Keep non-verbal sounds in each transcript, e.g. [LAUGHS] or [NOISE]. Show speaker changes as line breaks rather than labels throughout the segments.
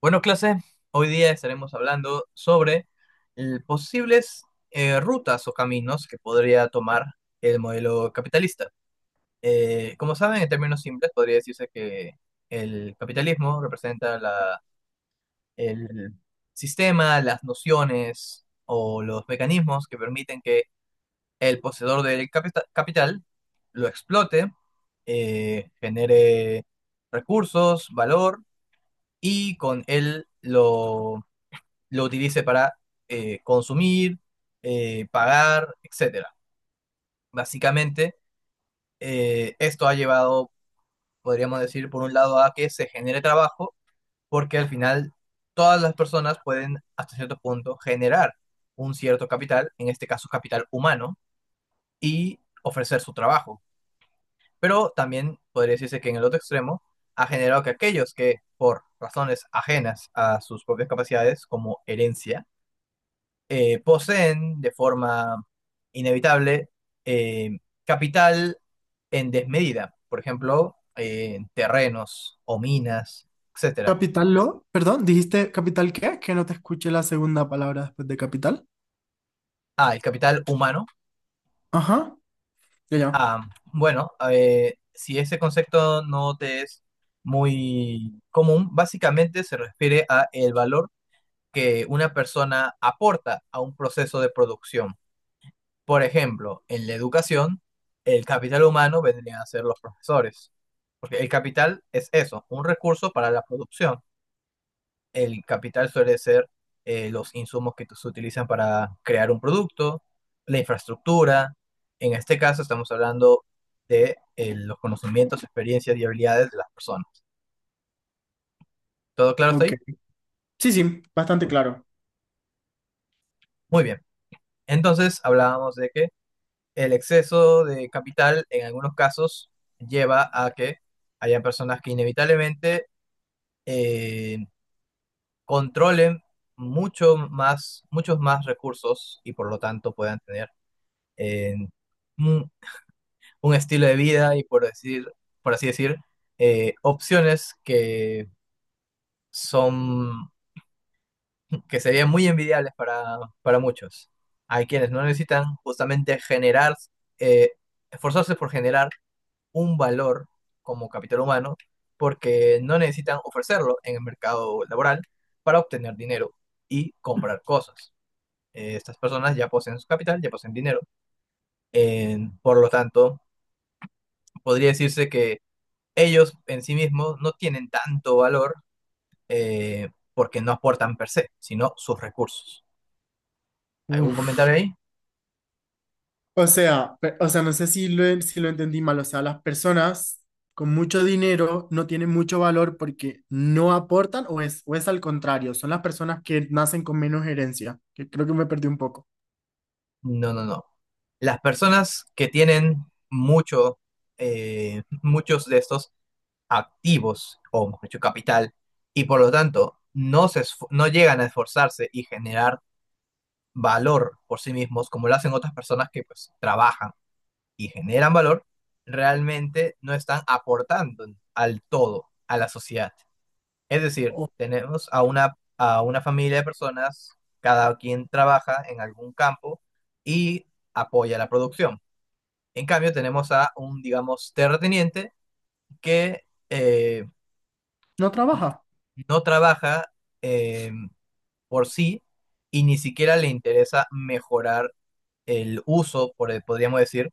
Bueno, clase, hoy día estaremos hablando sobre posibles rutas o caminos que podría tomar el modelo capitalista. Como saben, en términos simples, podría decirse que el capitalismo representa el sistema, las nociones o los mecanismos que permiten que el poseedor del capital lo explote, genere recursos, valor y con él lo utilice para consumir, pagar, etcétera. Básicamente, esto ha llevado, podríamos decir, por un lado a que se genere trabajo, porque al final todas las personas pueden, hasta cierto punto, generar un cierto capital, en este caso capital humano, y ofrecer su trabajo. Pero también podría decirse que en el otro extremo ha generado que aquellos que por razones ajenas a sus propias capacidades, como herencia, poseen de forma inevitable eh, capital en desmedida, por ejemplo, terrenos o minas, etcétera.
Capital lo, perdón, ¿dijiste capital qué? Que no te escuché la segunda palabra después de capital.
Ah, el capital humano.
Ajá, ya, ya.
Ah, bueno, si ese concepto no te es muy común, básicamente se refiere a el valor que una persona aporta a un proceso de producción. Por ejemplo, en la educación, el capital humano vendrían a ser los profesores, porque el capital es eso, un recurso para la producción. El capital suele ser los insumos que se utilizan para crear un producto, la infraestructura. En este caso estamos hablando de los conocimientos, experiencias y habilidades de las personas. ¿Todo claro hasta
Ok.
ahí?
Sí, sí, bastante claro.
Muy bien. Entonces hablábamos de que el exceso de capital en algunos casos lleva a que haya personas que inevitablemente eh, controlen mucho más, muchos más recursos y por lo tanto puedan tener eh, un, un estilo de vida y por así decir, opciones son, que serían muy envidiables para muchos. Hay quienes no necesitan justamente generar, eh, esforzarse por generar un valor como capital humano porque no necesitan ofrecerlo en el mercado laboral para obtener dinero y comprar cosas. Estas personas ya poseen su capital, ya poseen dinero. Por lo tanto, podría decirse que ellos en sí mismos no tienen tanto valor porque no aportan per se, sino sus recursos. ¿Algún
Uf.
comentario ahí?
O sea, o sea, no sé si lo entendí mal. O sea, ¿las personas con mucho dinero no tienen mucho valor porque no aportan o es al contrario? Son las personas que nacen con menos herencia, que creo que me perdí un poco.
No, no, no. Las personas que tienen mucho, muchos de estos activos, o mejor dicho, capital, y por lo tanto no, no llegan a esforzarse y generar valor por sí mismos, como lo hacen otras personas que pues trabajan y generan valor, realmente no están aportando al todo, a la sociedad. Es decir,
O
tenemos a a una familia de personas, cada quien trabaja en algún campo y apoya la producción. En cambio, tenemos a un, digamos, terrateniente que
no trabaja,
no trabaja eh, por sí y ni siquiera le interesa mejorar el uso, por, podríamos decir,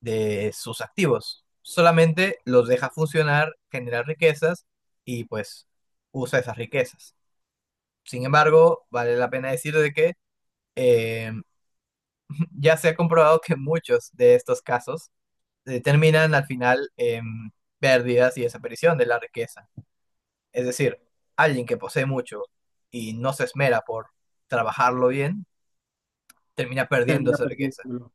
de sus activos. Solamente los deja funcionar, generar riquezas y pues usa esas riquezas. Sin embargo, vale la pena decir de que eh, [LAUGHS] ya se ha comprobado que muchos de estos casos terminan al final en pérdidas y desaparición de la riqueza. Es decir, alguien que posee mucho y no se esmera por trabajarlo bien, termina perdiendo
termina
esa riqueza.
perdiendo.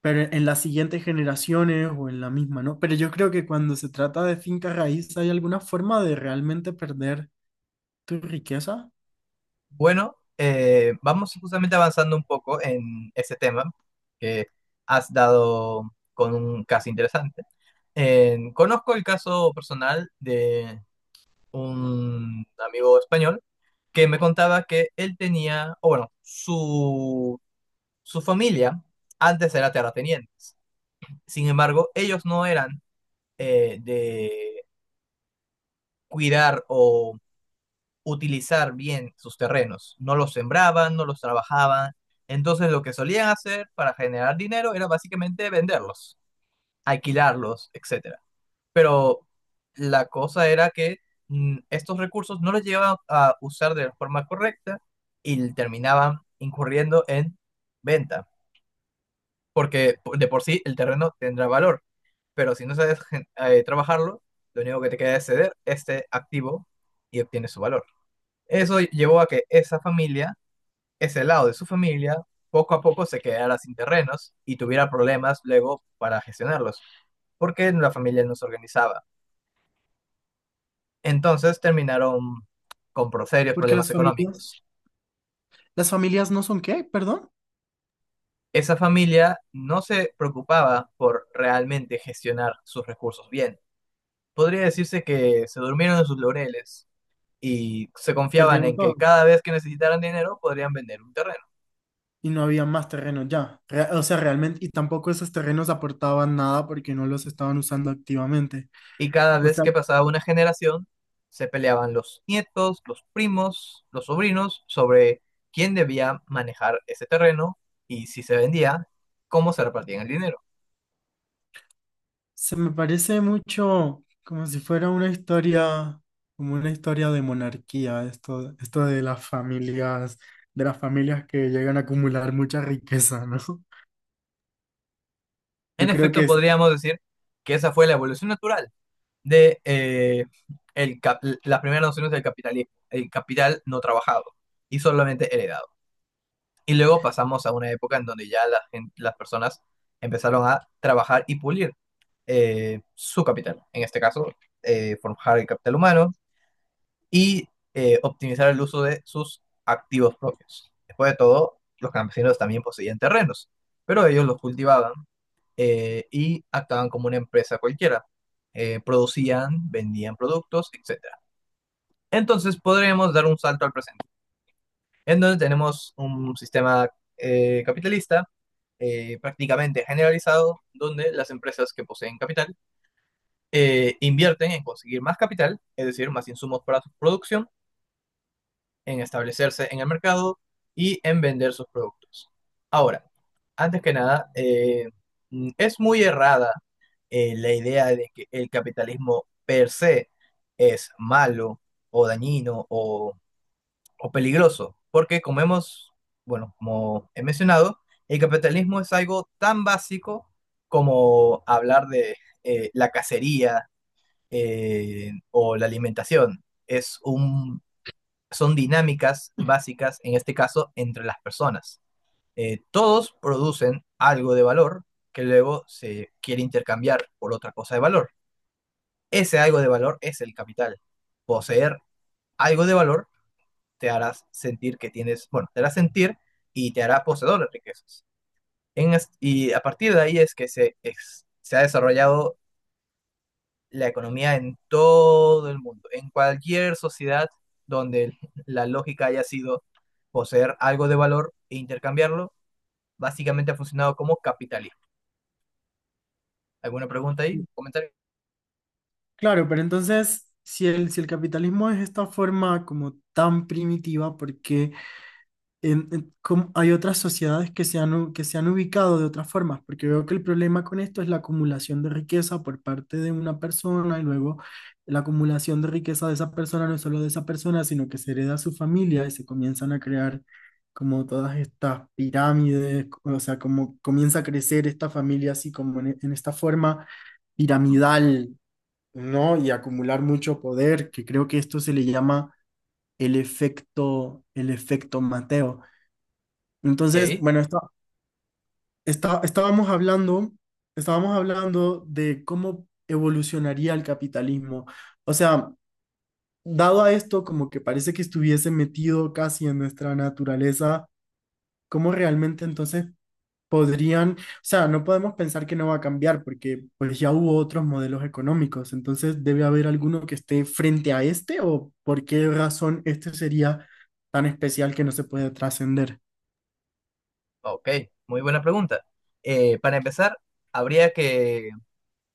Pero en las siguientes generaciones o en la misma, ¿no? Pero yo creo que cuando se trata de finca raíz, ¿hay alguna forma de realmente perder tu riqueza?
Bueno, vamos justamente avanzando un poco en ese tema, que has dado con un caso interesante. Conozco el caso personal de un amigo español que me contaba que él tenía, o bueno, su familia antes era terratenientes. Sin embargo, ellos no eran de cuidar o utilizar bien sus terrenos. No los sembraban, no los trabajaban. Entonces lo que solían hacer para generar dinero era básicamente venderlos, alquilarlos, etcétera. Pero la cosa era que estos recursos no los llevaban a usar de forma correcta y terminaban incurriendo en venta, porque de por sí el terreno tendrá valor, pero si no sabes trabajarlo, lo único que te queda es ceder este activo y obtienes su valor. Eso llevó a que esa familia, ese lado de su familia, poco a poco se quedara sin terrenos y tuviera problemas luego para gestionarlos, porque la familia no se organizaba. Entonces terminaron con serios
Porque
problemas económicos.
las familias no son qué, perdón,
Esa familia no se preocupaba por realmente gestionar sus recursos bien. Podría decirse que se durmieron en sus laureles y se confiaban
perdieron
en que
todo
cada vez que necesitaran dinero podrían vender un terreno.
y no había más terrenos ya. O sea, realmente, y tampoco esos terrenos aportaban nada porque no los estaban usando activamente.
Y cada
O
vez
sea,
que pasaba una generación, se peleaban los nietos, los primos, los sobrinos sobre quién debía manejar ese terreno y si se vendía, cómo se repartían el dinero.
se me parece mucho como si fuera una historia, como una historia de monarquía, esto de las familias que llegan a acumular mucha riqueza, ¿no? [LAUGHS] Yo
En
creo que
efecto,
es,
podríamos decir que esa fue la evolución natural de las primeras nociones del capitalismo, el capital no trabajado y solamente heredado. Y luego pasamos a una época en donde ya las personas empezaron a trabajar y pulir su capital, en este caso, forjar el capital humano y optimizar el uso de sus activos propios. Después de todo, los campesinos también poseían terrenos, pero ellos los cultivaban y actuaban como una empresa cualquiera. Producían, vendían productos, etcétera. Entonces podremos dar un salto al presente en donde tenemos un sistema capitalista prácticamente generalizado, donde las empresas que poseen capital invierten en conseguir más capital, es decir, más insumos para su producción, en establecerse en el mercado y en vender sus productos. Ahora, antes que nada, es muy errada la idea de que el capitalismo per se es malo o dañino o peligroso, porque bueno, como he mencionado, el capitalismo es algo tan básico como hablar de la cacería o la alimentación. Son dinámicas básicas, en este caso, entre las personas. Todos producen algo de valor que luego se quiere intercambiar por otra cosa de valor. Ese algo de valor es el capital. Poseer algo de valor te harás sentir que tienes, bueno, te hará sentir y te hará poseedor de riquezas. Y a partir de ahí es que se ha desarrollado la economía en todo el mundo, en cualquier sociedad donde la lógica haya sido poseer algo de valor e intercambiarlo, básicamente ha funcionado como capitalismo. ¿Alguna pregunta ahí? ¿Comenta?
claro, pero entonces, si el capitalismo es esta forma como tan primitiva, ¿por qué hay otras sociedades que que se han ubicado de otras formas? Porque veo que el problema con esto es la acumulación de riqueza por parte de una persona y luego la acumulación de riqueza de esa persona, no solo de esa persona, sino que se hereda a su familia y se comienzan a crear como todas estas pirámides. O sea, como comienza a crecer esta familia así como en esta forma
Ujú.
piramidal, ¿no? Y acumular mucho poder, que creo que esto se le llama el efecto Mateo. Entonces,
Ok,
bueno, está, está- estábamos hablando, estábamos hablando de cómo evolucionaría el capitalismo. O sea, dado a esto, como que parece que estuviese metido casi en nuestra naturaleza, ¿cómo realmente entonces podrían, o sea, no podemos pensar que no va a cambiar porque pues ya hubo otros modelos económicos? Entonces debe haber alguno que esté frente a este, o ¿por qué razón este sería tan especial que no se puede trascender?
ok, muy buena pregunta. Para empezar, habría que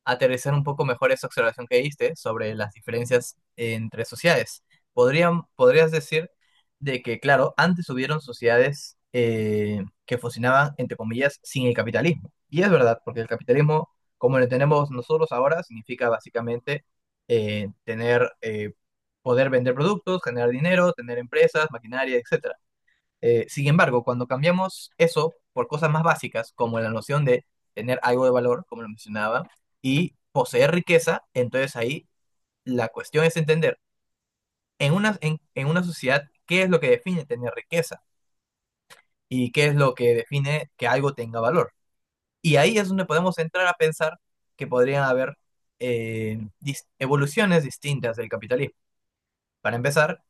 aterrizar un poco mejor esa observación que diste sobre las diferencias entre sociedades. Podrías decir de que, claro, antes hubieron sociedades que funcionaban, entre comillas, sin el capitalismo. Y es verdad, porque el capitalismo, como lo tenemos nosotros ahora, significa básicamente tener, poder vender productos, generar dinero, tener empresas, maquinaria, etcétera. Sin embargo, cuando cambiamos eso por cosas más básicas, como la noción de tener algo de valor, como lo mencionaba, y poseer riqueza, entonces ahí la cuestión es entender en en una sociedad qué es lo que define tener riqueza y qué es lo que define que algo tenga valor. Y ahí es donde podemos entrar a pensar que podrían haber evoluciones distintas del capitalismo. Para empezar,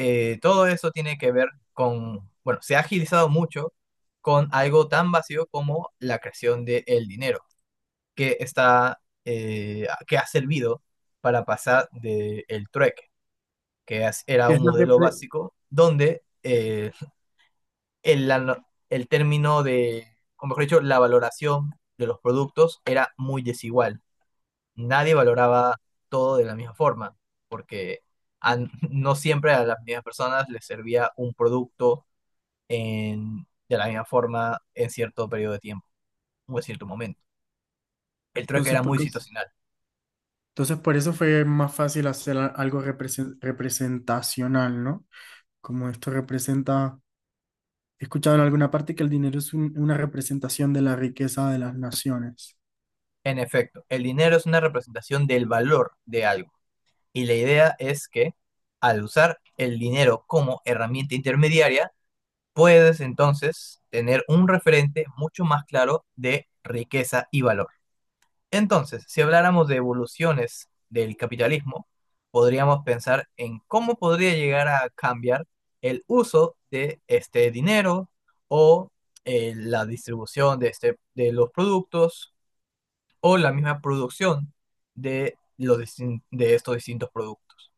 Todo eso tiene que ver con, bueno, se ha agilizado mucho con algo tan vacío como la creación del dinero, que ha servido para pasar del trueque, que era
¿Qué
un
es la
modelo
repre-
básico donde el, la- no- el término de, o mejor dicho, la valoración de los productos era muy desigual. Nadie valoraba todo de la misma forma, porque a- no siempre a las mismas personas les servía un producto de la misma forma en cierto periodo de tiempo o en cierto momento. El trueque
Entonces,
era
¿por
muy
qué?
situacional.
Entonces, por eso fue más fácil hacer algo representacional, ¿no? Como esto representa, he escuchado en alguna parte que el dinero es una representación de la riqueza de las naciones.
En efecto, el dinero es una representación del valor de algo y la idea es que al usar el dinero como herramienta intermediaria, puedes entonces tener un referente mucho más claro de riqueza y valor. Entonces, si habláramos de evoluciones del capitalismo, podríamos pensar en cómo podría llegar a cambiar el uso de este dinero o la distribución de, este, de los productos o la misma producción de, los, de estos distintos productos.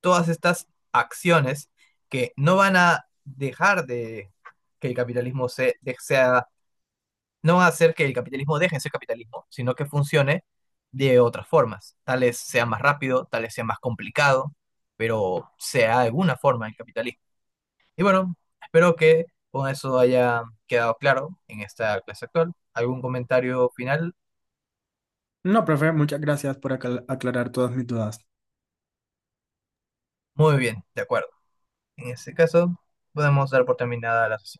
Todas estas acciones que no van a dejar de que el capitalismo se, de- sea No va a hacer que el capitalismo deje de ser capitalismo, sino que funcione de otras formas. Tal vez sea más rápido, tal vez sea más complicado, pero sea de alguna forma el capitalismo. Y bueno, espero que con eso haya quedado claro en esta clase actual. ¿Algún comentario final?
No, profe, muchas gracias por aclarar todas mis dudas.
Muy bien, de acuerdo. En ese caso, podemos dar por terminada la sesión.